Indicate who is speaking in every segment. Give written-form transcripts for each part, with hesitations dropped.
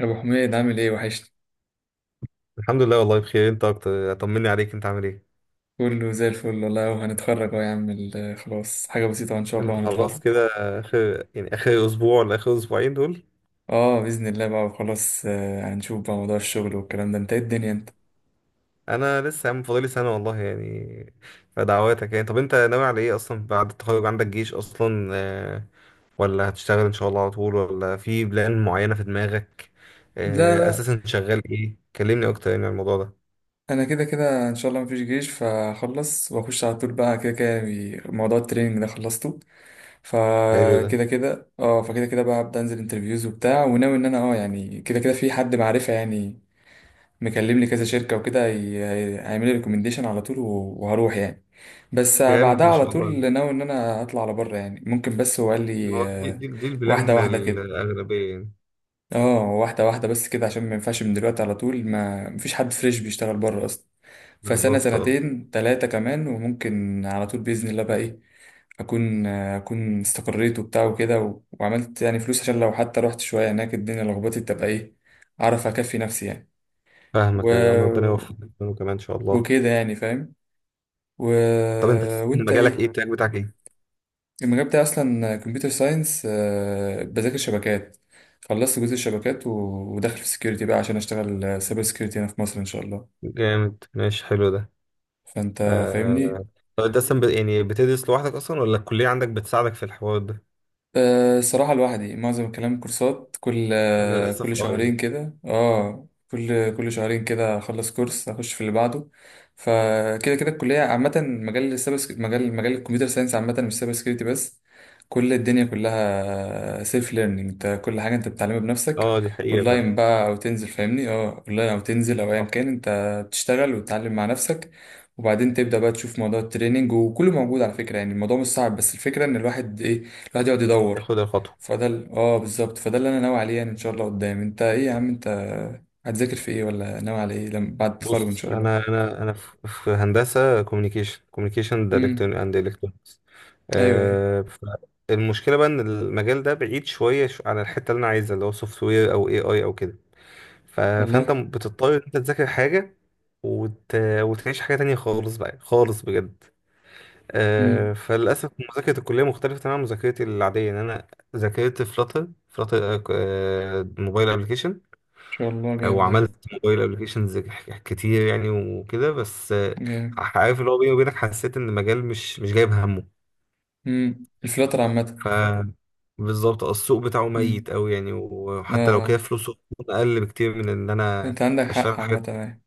Speaker 1: يا ابو حميد عامل ايه وحشني.
Speaker 2: الحمد لله، والله بخير. انت اكتر، طمني عليك، انت عامل ايه؟
Speaker 1: كله زي الفل والله وهنتخرج اهو يا عم خلاص حاجه بسيطه ان شاء
Speaker 2: انت
Speaker 1: الله
Speaker 2: الحمد لله
Speaker 1: هنتخرج.
Speaker 2: خلاص كده؟ اخر يعني اخر اسبوع ولا اخر اسبوعين دول؟
Speaker 1: اه باذن الله بقى وخلاص، هنشوف بقى موضوع الشغل والكلام ده انت ايه الدنيا انت.
Speaker 2: انا لسه يا عم فاضلي سنه والله يعني، فدعواتك يعني. طب انت ناوي على ايه اصلا بعد التخرج؟ عندك جيش اصلا؟ ولا هتشتغل ان شاء الله على طول، ولا في بلان معينه في دماغك؟
Speaker 1: لا لا،
Speaker 2: اساسا شغال ايه؟ كلمني اكتر يعني عن الموضوع ده.
Speaker 1: انا كده كده ان شاء الله مفيش جيش فهخلص واخش على طول بقى كده كده، موضوع التريننج ده خلصته.
Speaker 2: حلو ده،
Speaker 1: فكده كده اه فكده كده بقى هبدا انزل انترفيوز وبتاع وناوي ان انا اه يعني كده كده في حد معرفه يعني مكلم لي كذا شركة وكده، هيعمل لي ريكومنديشن على طول وهروح يعني. بس
Speaker 2: جامد
Speaker 1: بعدها
Speaker 2: ما
Speaker 1: على
Speaker 2: شاء الله.
Speaker 1: طول ناوي ان انا اطلع على بره يعني ممكن، بس هو قال
Speaker 2: ما
Speaker 1: لي
Speaker 2: هو دي
Speaker 1: آه،
Speaker 2: دي, دي
Speaker 1: واحدة
Speaker 2: البلان
Speaker 1: واحدة كده.
Speaker 2: الاغلبيه يعني.
Speaker 1: اه واحدة واحدة بس كده عشان ما ينفعش من دلوقتي على طول، ما مفيش حد فريش بيشتغل بره اصلا. فسنة
Speaker 2: بالظبط اه.
Speaker 1: سنتين تلاتة كمان وممكن على طول بإذن الله بقى ايه، اكون اكون استقريت وبتاع وكده وعملت يعني فلوس، عشان لو حتى رحت شوية هناك الدنيا لخبطت تبقى ايه، اعرف اكفي نفسي يعني. و...
Speaker 2: فاهمك يا عم، ربنا يوفقك كمان ان شاء الله.
Speaker 1: وكده يعني فاهم. و...
Speaker 2: طب انت أساساً
Speaker 1: وانت
Speaker 2: مجالك ايه؟
Speaker 1: ايه؟
Speaker 2: التراك بتاعك ايه؟
Speaker 1: المجال بتاعي اصلا كمبيوتر ساينس، بذاكر شبكات، خلصت جزء الشبكات وداخل في السكيورتي بقى عشان اشتغل سايبر سكيورتي هنا في مصر ان شاء الله.
Speaker 2: جامد، ماشي، حلو ده.
Speaker 1: فانت فاهمني.
Speaker 2: آه... طب انت اصلا يعني بتدرس لوحدك اصلا ولا الكلية عندك بتساعدك في الحوار ده؟
Speaker 1: أه صراحة لوحدي معظم الكلام كورسات، كل كل
Speaker 2: للاسف اه يعني.
Speaker 1: شهرين كده، اه كل شهرين كده اخلص كورس اخش في اللي بعده. فكده كده الكلية عامة، مجال مجال الكمبيوتر ساينس عامة، مش سايبر سكيورتي بس. كل الدنيا كلها سيلف ليرنينج، انت كل حاجة انت بتتعلمها بنفسك،
Speaker 2: اه، دي حقيقة فعلا.
Speaker 1: اونلاين بقى او تنزل، فاهمني؟ اه اونلاين او تنزل او ايا
Speaker 2: صح.
Speaker 1: كان، انت بتشتغل وتتعلم مع نفسك. وبعدين تبدأ بقى تشوف موضوع التريننج، وكله موجود على فكرة، يعني الموضوع مش صعب، بس الفكرة ان الواحد ايه، الواحد يقعد يدور.
Speaker 2: ياخد الخطوة.
Speaker 1: اه بالظبط، فده اللي انا ناوي عليه يعني ان شاء الله قدام. انت ايه يا عم انت؟ هتذاكر في ايه ولا ناوي على ايه لما بعد التخرج ان
Speaker 2: بص،
Speaker 1: شاء الله؟
Speaker 2: انا انا في هندسة كوميونيكيشن اند
Speaker 1: امم.
Speaker 2: الكترونكس.
Speaker 1: ايوه ايوه.
Speaker 2: آه... المشكلة بقى ان المجال ده بعيد شوية عن الحتة اللي انا عايزها، اللي هو سوفت وير او اي اي او كده. فانت
Speaker 1: والله.
Speaker 2: بتضطر ان انت تذاكر حاجه وت... وتعيش حاجه تانية خالص بقى، خالص بجد.
Speaker 1: امم، ان
Speaker 2: فللاسف مذاكره الكليه مختلفه تماما عن مذاكرتي العاديه، ان انا ذاكرت فلاتر، موبايل ابلكيشن،
Speaker 1: شاء الله جامد. ايوه
Speaker 2: وعملت موبايل ابلكيشنز كتير يعني وكده، بس
Speaker 1: جامد.
Speaker 2: عارف، اللي هو بيني وبينك، حسيت ان المجال مش جايب همه.
Speaker 1: امم، الفلاتر عامه.
Speaker 2: ف بالظبط. السوق بتاعه ميت
Speaker 1: امم،
Speaker 2: قوي يعني،
Speaker 1: اه
Speaker 2: وحتى لو كده
Speaker 1: آه.
Speaker 2: فلوسه اقل بكتير من ان انا
Speaker 1: انت عندك حق
Speaker 2: اشتغل
Speaker 1: عامه،
Speaker 2: حاجات.
Speaker 1: ايوه.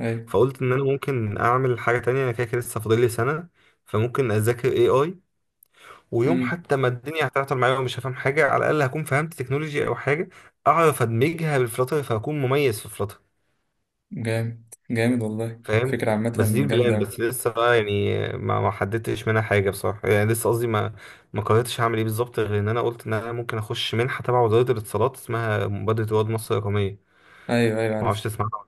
Speaker 1: ايوه.
Speaker 2: فقلت ان انا ممكن اعمل حاجه تانية، انا كده كده لسه فاضل لي سنه، فممكن اذاكر اي اي. ويوم
Speaker 1: امم.
Speaker 2: حتى ما الدنيا هتعطل معايا ومش هفهم حاجه، على الاقل هكون فهمت تكنولوجي او حاجه اعرف ادمجها بالفلاتر، فهكون مميز في فلاتر،
Speaker 1: جامد جامد والله
Speaker 2: فاهم.
Speaker 1: فكره عامه.
Speaker 2: بس دي
Speaker 1: جامده
Speaker 2: البلان،
Speaker 1: أوي.
Speaker 2: بس لسه بقى يعني ما حددتش منها حاجه بصراحه يعني. لسه قصدي ما قررتش هعمل ايه بالظبط، غير ان انا قلت ان انا ممكن اخش منحه تبع وزاره الاتصالات اسمها مبادره رواد مصر الرقميه،
Speaker 1: ايوه ايوه
Speaker 2: ما اعرفش
Speaker 1: عارف.
Speaker 2: تسمع عنها.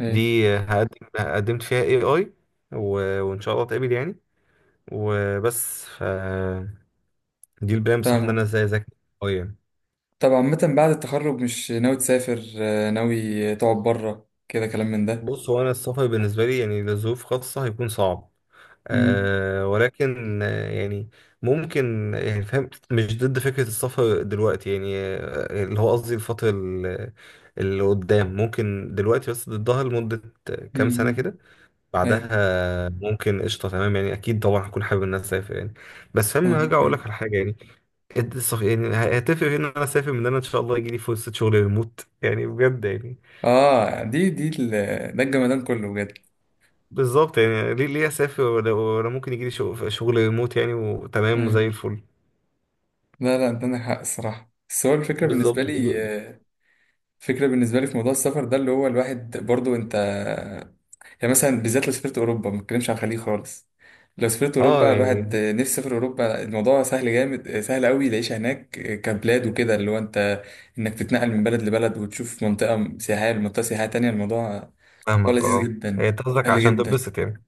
Speaker 1: ايوه.
Speaker 2: دي هقدم، قدمت فيها اي اي و... وان شاء الله اتقبل يعني، وبس. ف دي البداية، بصح ان انا
Speaker 1: فاهمك.
Speaker 2: ازاي اذاكر قوية.
Speaker 1: طب عامه بعد التخرج مش ناوي تسافر، ناوي تقعد بره كده كلام من ده؟
Speaker 2: بص، هو انا السفر بالنسبة لي يعني لظروف خاصة هيكون صعب،
Speaker 1: امم.
Speaker 2: أه، ولكن يعني ممكن، يعني فاهم، مش ضد فكرة السفر دلوقتي يعني. اللي هو قصدي الفترة اللي قدام ممكن دلوقتي، بس ضدها لمدة كام سنة
Speaker 1: امم.
Speaker 2: كده.
Speaker 1: ايوه.
Speaker 2: بعدها ممكن قشطة، تمام يعني. أكيد طبعا هكون حابب إن أنا أسافر يعني، بس فاهم، هرجع
Speaker 1: فاهمك
Speaker 2: أقول لك
Speaker 1: ايوه.
Speaker 2: على حاجة يعني. هتفرق في ان انا اسافر من ان انا ان شاء الله يجي لي فرصه شغل ريموت يعني، بجد يعني.
Speaker 1: اه دي ده الجمدان كله بجد.
Speaker 2: بالظبط يعني. ليه اسافر ولا ممكن يجي لي شغل ريموت يعني، وتمام وزي
Speaker 1: ايوه.
Speaker 2: الفل.
Speaker 1: لا لا انت عندك حق الصراحه، بس هو الفكره
Speaker 2: بالظبط.
Speaker 1: بالنسبه لي، آه، الفكره بالنسبه لي في موضوع السفر ده اللي هو الواحد برضو انت، يعني مثلا بالذات لو سافرت اوروبا، ما بتكلمش عن الخليج خالص، لو سافرت
Speaker 2: اه
Speaker 1: اوروبا الواحد،
Speaker 2: يعني،
Speaker 1: آه، نفسي يسافر اوروبا، الموضوع سهل جامد، آه، سهل قوي، العيشه هناك، آه، كبلاد وكده، اللي هو انت انك تتنقل من بلد لبلد وتشوف منطقه سياحيه لمنطقه سياحيه تانية، الموضوع، الموضوع
Speaker 2: فاهمك،
Speaker 1: لذيذ
Speaker 2: اه، هي
Speaker 1: جدا،
Speaker 2: أنت قصدك
Speaker 1: سهل
Speaker 2: عشان
Speaker 1: جدا.
Speaker 2: تتبسط يعني؟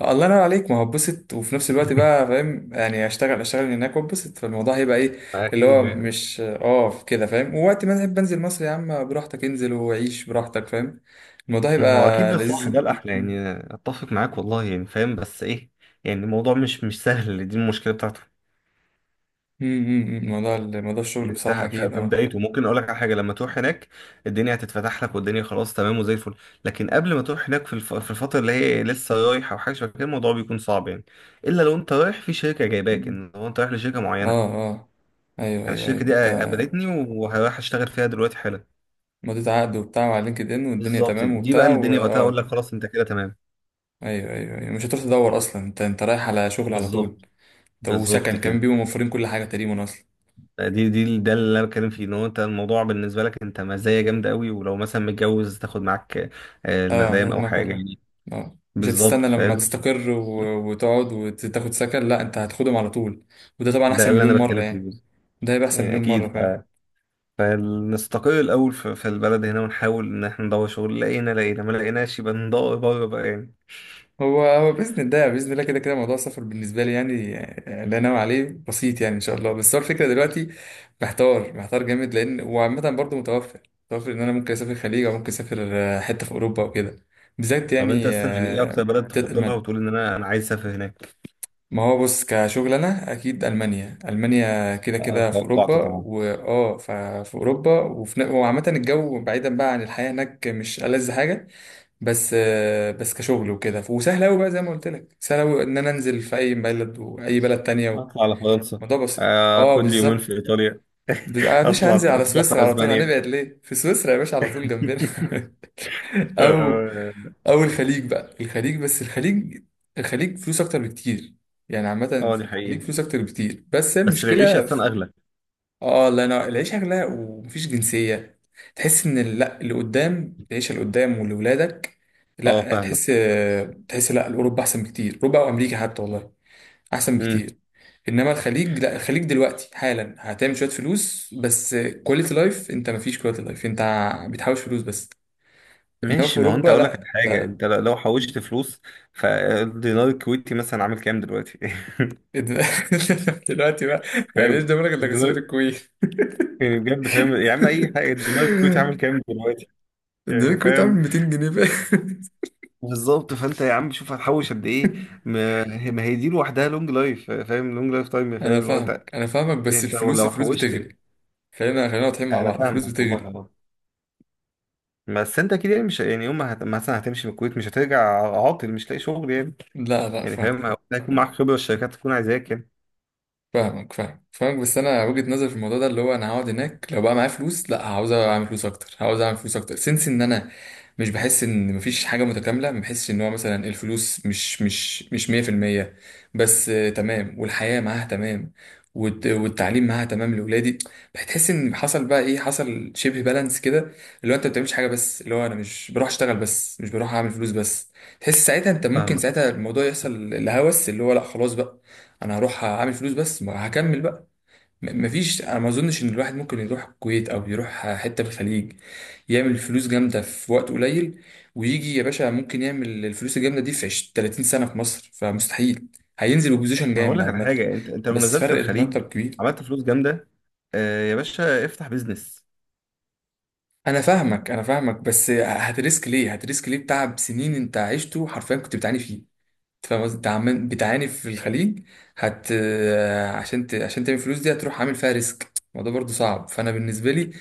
Speaker 1: آه، الله ينور عليك، ما هو اتبسط وفي نفس الوقت بقى فاهم، يعني اشتغل هناك واتبسط، فالموضوع هيبقى ايه، اللي هو
Speaker 2: اكيد يعني.
Speaker 1: مش اه كده فاهم، ووقت ما تحب انزل مصر يا عم براحتك، انزل وعيش براحتك فاهم. الموضوع
Speaker 2: ما هو اكيد
Speaker 1: هيبقى
Speaker 2: ده الصح،
Speaker 1: لذيذ.
Speaker 2: ده الاحلى يعني، اتفق معاك والله يعني فاهم. بس ايه يعني، الموضوع مش سهل، دي المشكله بتاعته.
Speaker 1: موضوع الشغل
Speaker 2: انت
Speaker 1: بصراحة
Speaker 2: ف-
Speaker 1: اكيد
Speaker 2: في
Speaker 1: اه.
Speaker 2: بدايته ممكن اقول لك على حاجه، لما تروح هناك الدنيا هتتفتح لك، والدنيا خلاص تمام وزي الفل. لكن قبل ما تروح هناك، في الفتره اللي هي لسه رايحه او حاجه شبه كده، الموضوع بيكون صعب يعني، الا لو انت رايح في شركه جايباك،
Speaker 1: م-
Speaker 2: ان هو انت رايح لشركه
Speaker 1: اه.
Speaker 2: معينه.
Speaker 1: اه. ايوه
Speaker 2: انا
Speaker 1: ايوه ايوه
Speaker 2: الشركه دي
Speaker 1: انت
Speaker 2: قابلتني وهروح اشتغل فيها دلوقتي حالا.
Speaker 1: مضيت عقد وبتاع وعلى لينكد ان والدنيا
Speaker 2: بالظبط،
Speaker 1: تمام
Speaker 2: دي بقى
Speaker 1: وبتاع
Speaker 2: اللي الدنيا وقتها اقول
Speaker 1: واه.
Speaker 2: لك خلاص انت كده تمام.
Speaker 1: ايوه ايوه ايوه، مش هتروح تدور اصلا، انت انت رايح على شغل على طول.
Speaker 2: بالظبط
Speaker 1: طب
Speaker 2: بالظبط
Speaker 1: وسكن كمان
Speaker 2: كده.
Speaker 1: بيبقوا موفرين كل حاجة تقريبا اصلا.
Speaker 2: دي دي ده اللي انا بتكلم فيه، ان هو انت الموضوع بالنسبه لك انت مزايا جامده قوي، ولو مثلا متجوز تاخد معاك
Speaker 1: اه زي ما
Speaker 2: المدام او
Speaker 1: دماغك
Speaker 2: حاجه
Speaker 1: قال لك.
Speaker 2: يعني.
Speaker 1: اه مش هتستنى
Speaker 2: بالظبط
Speaker 1: لما
Speaker 2: فاهم،
Speaker 1: تستقر وتقعد وتاخد سكن، لا انت هتاخدهم على طول. وده طبعا
Speaker 2: ده
Speaker 1: احسن
Speaker 2: اللي
Speaker 1: مليون
Speaker 2: انا
Speaker 1: مرة
Speaker 2: بتكلم فيه
Speaker 1: يعني.
Speaker 2: بالظبط.
Speaker 1: ده هيبقى احسن
Speaker 2: يعني
Speaker 1: مليون
Speaker 2: اكيد.
Speaker 1: مرة فاهم.
Speaker 2: فنستقل الاول في البلد هنا، ونحاول ان احنا ندور شغل. لقينا لقينا، ما لقيناش، يبقى ندور بره بقى يعني.
Speaker 1: هو هو بإذن الله، بإذن الله كده كده موضوع السفر بالنسبة لي يعني، آه، لا نوى عليه بسيط يعني إن شاء الله، بس هو الفكرة دلوقتي محتار، محتار جامد، لأن وعامة برضه متوفر، متوفر إن أنا ممكن أسافر الخليج أو ممكن أسافر، آه، حتة في أوروبا وكده بالذات
Speaker 2: طب
Speaker 1: يعني
Speaker 2: انت اصلا يعني ايه اكتر
Speaker 1: آه،
Speaker 2: بلد تفضلها، وتقول ان انا عايز اسافر هناك؟
Speaker 1: ما هو بص كشغل انا اكيد المانيا، المانيا كده
Speaker 2: أنا
Speaker 1: كده في اوروبا
Speaker 2: توقعت طبعا.
Speaker 1: واه ففي اوروبا وفي وعامه الجو بعيدا بقى عن الحياه هناك مش ألذ حاجه، بس آه، بس كشغل وكده وسهل قوي بقى، زي ما قلت لك سهل قوي ان انا انزل في اي بلد واي بلد تانية،
Speaker 2: اطلع على فرنسا،
Speaker 1: الموضوع بسيط اه
Speaker 2: اخد لي يومين في
Speaker 1: بالظبط.
Speaker 2: ايطاليا،
Speaker 1: آه، يا باشا
Speaker 2: اطلع
Speaker 1: هنزل على
Speaker 2: اسبوع في
Speaker 1: سويسرا على طول،
Speaker 2: اسبانيا.
Speaker 1: هنبعد ليه في سويسرا يا باشا على طول جنبنا. او،
Speaker 2: اه،
Speaker 1: او الخليج بقى، الخليج بس الخليج، الخليج فلوس اكتر بكتير يعني عامه.
Speaker 2: دي
Speaker 1: في الخليج
Speaker 2: حقيقة.
Speaker 1: فلوس اكتر بكتير، بس
Speaker 2: بس العيشة
Speaker 1: المشكله في...
Speaker 2: اصلا اغلى.
Speaker 1: اه الله ينور، العيشه غلا ومفيش جنسيه، تحس ان لا، اللي قدام العيشه اللي قدام واللي ولادك،
Speaker 2: اه،
Speaker 1: لا تحس،
Speaker 2: فاهمك.
Speaker 1: تحس لا، اوروبا احسن بكتير، اوروبا او امريكا حتى والله احسن
Speaker 2: امم.
Speaker 1: بكتير. انما الخليج لا، الخليج دلوقتي حالا هتعمل شويه فلوس بس، كواليتي لايف انت مفيش كواليتي لايف انت، بتحوش فلوس بس. انما في
Speaker 2: ماشي، ما هو
Speaker 1: اوروبا
Speaker 2: انت اقول لك على حاجة.
Speaker 1: لا.
Speaker 2: انت لو حوشت فلوس، فالدينار الكويتي مثلا عامل كام دلوقتي؟
Speaker 1: دلوقتي بقى، يعني ايش
Speaker 2: فاهم.
Speaker 1: ضمنك انك هتسافر
Speaker 2: دينار،
Speaker 1: الكويت؟
Speaker 2: يعني بجد فاهم يا عم، اي حاجه. الدينار الكويتي عامل كام دلوقتي؟
Speaker 1: ده
Speaker 2: يعني
Speaker 1: الكويت عامل
Speaker 2: فاهم.
Speaker 1: 200 جنيه بقى.
Speaker 2: بالظبط، فانت يا عم شوف هتحوش قد ايه. ما هي دي لوحدها لونج لايف، فاهم، لونج لايف تايم،
Speaker 1: انا
Speaker 2: فاهم، اللي هو انت،
Speaker 1: فاهمك انا فاهمك، بس
Speaker 2: انت
Speaker 1: الفلوس،
Speaker 2: لو
Speaker 1: الفلوس
Speaker 2: حوشت.
Speaker 1: بتغلي، خلينا خلينا واضحين مع
Speaker 2: انا
Speaker 1: بعض، الفلوس
Speaker 2: فاهمك والله
Speaker 1: بتغلي.
Speaker 2: والله. بس انت كده يعني مش يعني، يوم ما مثلا هتمشي من الكويت مش هترجع عاطل مش لاقي شغل يعني.
Speaker 1: لا لا
Speaker 2: يعني
Speaker 1: فاهم.
Speaker 2: فاهم، أو هيكون معاك خبره، الشركات تكون عايزاك يعني.
Speaker 1: فاهمك، فاهم، فاهمك، بس انا وجهة نظري في الموضوع ده اللي هو انا هقعد هناك لو بقى معايا فلوس، لا عاوز اعمل فلوس اكتر، عاوز اعمل فلوس اكتر سنس ان انا مش بحس ان مفيش حاجه متكامله، ما بحسش ان هو مثلا الفلوس مش 100%، بس آه، تمام والحياه معاها تمام والتعليم معاها تمام لاولادي. بتحس ان حصل بقى ايه، حصل شبه بالانس كده، اللي هو انت ما بتعملش حاجه بس، اللي هو انا مش بروح اشتغل بس، مش بروح اعمل فلوس بس، تحس ساعتها انت ممكن
Speaker 2: فاهمك.
Speaker 1: ساعتها الموضوع يحصل الهوس، اللي هو لا خلاص بقى انا هروح اعمل فلوس بس، ما هكمل بقى. مفيش، انا ما اظنش ان الواحد ممكن يروح الكويت او يروح حته في الخليج يعمل فلوس جامده في وقت قليل، ويجي يا باشا، ممكن يعمل الفلوس الجامده دي في 20 30 سنه في مصر، فمستحيل هينزل بوزيشن
Speaker 2: ما هقول
Speaker 1: جامد
Speaker 2: لك على
Speaker 1: عامه،
Speaker 2: حاجه. انت لو
Speaker 1: بس
Speaker 2: نزلت
Speaker 1: فرق
Speaker 2: الخليج،
Speaker 1: مرتب كبير.
Speaker 2: عملت فلوس جامده، آه يا باشا افتح بيزنس.
Speaker 1: انا فاهمك انا فاهمك، بس هتريسك ليه، هتريسك ليه بتعب سنين انت عشته حرفيا كنت بتعاني فيه، فاهم قصدي؟ انت عمال بتعاني في الخليج، آه، عشان ت... عشان تعمل فلوس دي هتروح عامل فيها ريسك، الموضوع برضو صعب، فانا بالنسبه لي،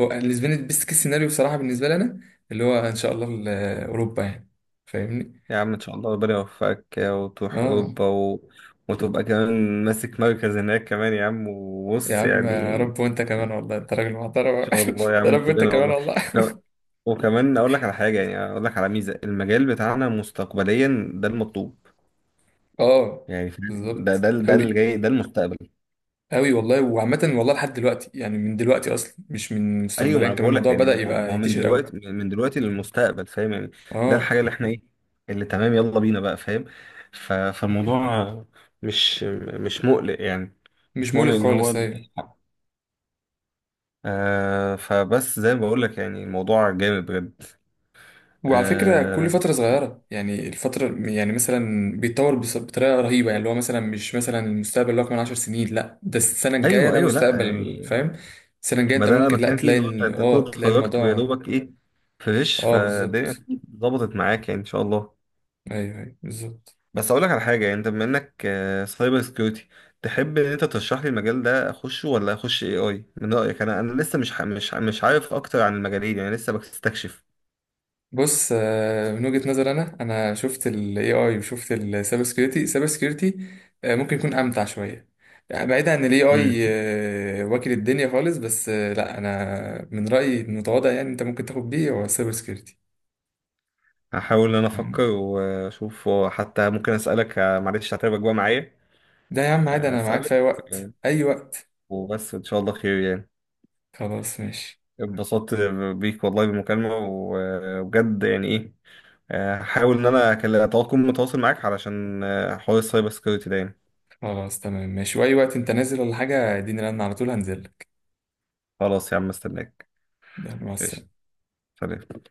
Speaker 1: هو بالنسبه لي البيست كيس سيناريو بصراحه بالنسبه لي انا، اللي هو ان شاء الله آه، اوروبا يعني، فاهمني.
Speaker 2: يا عم ان شاء الله ربنا يوفقك وتروح
Speaker 1: اه.
Speaker 2: اوروبا وتبقى كمان ماسك مركز هناك كمان يا عم،
Speaker 1: يا
Speaker 2: وبص
Speaker 1: عم يا
Speaker 2: يعني.
Speaker 1: رب، وانت كمان
Speaker 2: ان
Speaker 1: والله، انت راجل محترم.
Speaker 2: شاء الله يا
Speaker 1: يا
Speaker 2: عم،
Speaker 1: رب انت
Speaker 2: كلنا
Speaker 1: كمان
Speaker 2: والله.
Speaker 1: والله.
Speaker 2: وكمان، وكمان اقول لك على حاجه يعني، اقول لك على ميزه المجال بتاعنا. مستقبليا ده المطلوب،
Speaker 1: اه
Speaker 2: يعني فاهم؟
Speaker 1: بالظبط
Speaker 2: ده اللي
Speaker 1: قوي،
Speaker 2: جاي، ده المستقبل.
Speaker 1: قوي والله، وعامه والله لحد دلوقتي يعني، من دلوقتي اصلا مش من
Speaker 2: ايوه، ما
Speaker 1: مستقبليا
Speaker 2: انا
Speaker 1: كمان،
Speaker 2: بقول لك
Speaker 1: الموضوع
Speaker 2: يعني،
Speaker 1: بدأ
Speaker 2: ما هو
Speaker 1: يبقى
Speaker 2: ما هو من
Speaker 1: ينتشر قوي.
Speaker 2: دلوقتي من دلوقتي للمستقبل، فاهم يعني. ده
Speaker 1: اه
Speaker 2: الحاجه اللي احنا ايه، اللي تمام، يلا بينا بقى، فاهم. فالموضوع مش مش مقلق يعني،
Speaker 1: مش
Speaker 2: مش
Speaker 1: مولي
Speaker 2: مقلق ان هو.
Speaker 1: خالص، ايوه.
Speaker 2: فبس زي ما بقول لك يعني الموضوع جامد بجد.
Speaker 1: وعلى فكرة كل
Speaker 2: آه،
Speaker 1: فترة صغيرة يعني الفترة يعني مثلا بيتطور بطريقة رهيبة يعني، اللي هو مثلا مش مثلا المستقبل اللي هو كمان عشر سنين، لا ده السنة الجاية
Speaker 2: ايوه
Speaker 1: ده
Speaker 2: ايوه، لا
Speaker 1: مستقبل
Speaker 2: يعني.
Speaker 1: فاهم. السنة الجاية
Speaker 2: ما
Speaker 1: انت
Speaker 2: ده انا
Speaker 1: ممكن لا
Speaker 2: بتكلم فيه،
Speaker 1: تلاقي
Speaker 2: اللي هو انت انت كنت
Speaker 1: اه تلاقي
Speaker 2: اتخرجت ويا
Speaker 1: الموضوع.
Speaker 2: دوبك ايه، فريش
Speaker 1: اه بالظبط.
Speaker 2: فالدنيا، ظبطت معاك يعني ان شاء الله.
Speaker 1: ايوه ايوه بالظبط.
Speaker 2: بس اقول لك على حاجه يعني، انت بما انك سايبر سكيورتي، تحب ان انت ترشح لي المجال ده اخشه، ولا اخش اي اي؟ من رايك، انا لسه مش ح- مش ع- مش عارف اكتر عن المجالين يعني، لسه بستكشف.
Speaker 1: بص آه، من وجهة نظر انا، انا شفت ال AI وشفت ال cyber security، cyber security، آه، ممكن يكون امتع شوية، يعني بعيد عن ال
Speaker 2: مم.
Speaker 1: AI، آه، واكل الدنيا خالص، بس آه، لا انا من رأيي المتواضع يعني انت ممكن تاخد بيه هو cyber security.
Speaker 2: هحاول ان انا
Speaker 1: تمام؟
Speaker 2: افكر واشوف، حتى ممكن اسالك، معلش هتعبك بقى معايا.
Speaker 1: ده يا عم عادي، انا معاك في
Speaker 2: اسالك
Speaker 1: اي وقت،
Speaker 2: آه،
Speaker 1: اي وقت.
Speaker 2: وبس ان شاء الله خير يعني.
Speaker 1: خلاص ماشي.
Speaker 2: اتبسطت بيك والله بالمكالمه وبجد يعني ايه. هحاول ان انا اكون متواصل معاك علشان حوار السايبر سكيورتي ده يعني.
Speaker 1: خلاص تمام ماشي، واي وقت انت نازل ولا حاجة اديني رن على طول هنزل لك.
Speaker 2: خلاص يا عم، استناك.
Speaker 1: يلا مع
Speaker 2: ايش؟
Speaker 1: السلامة.
Speaker 2: سلام.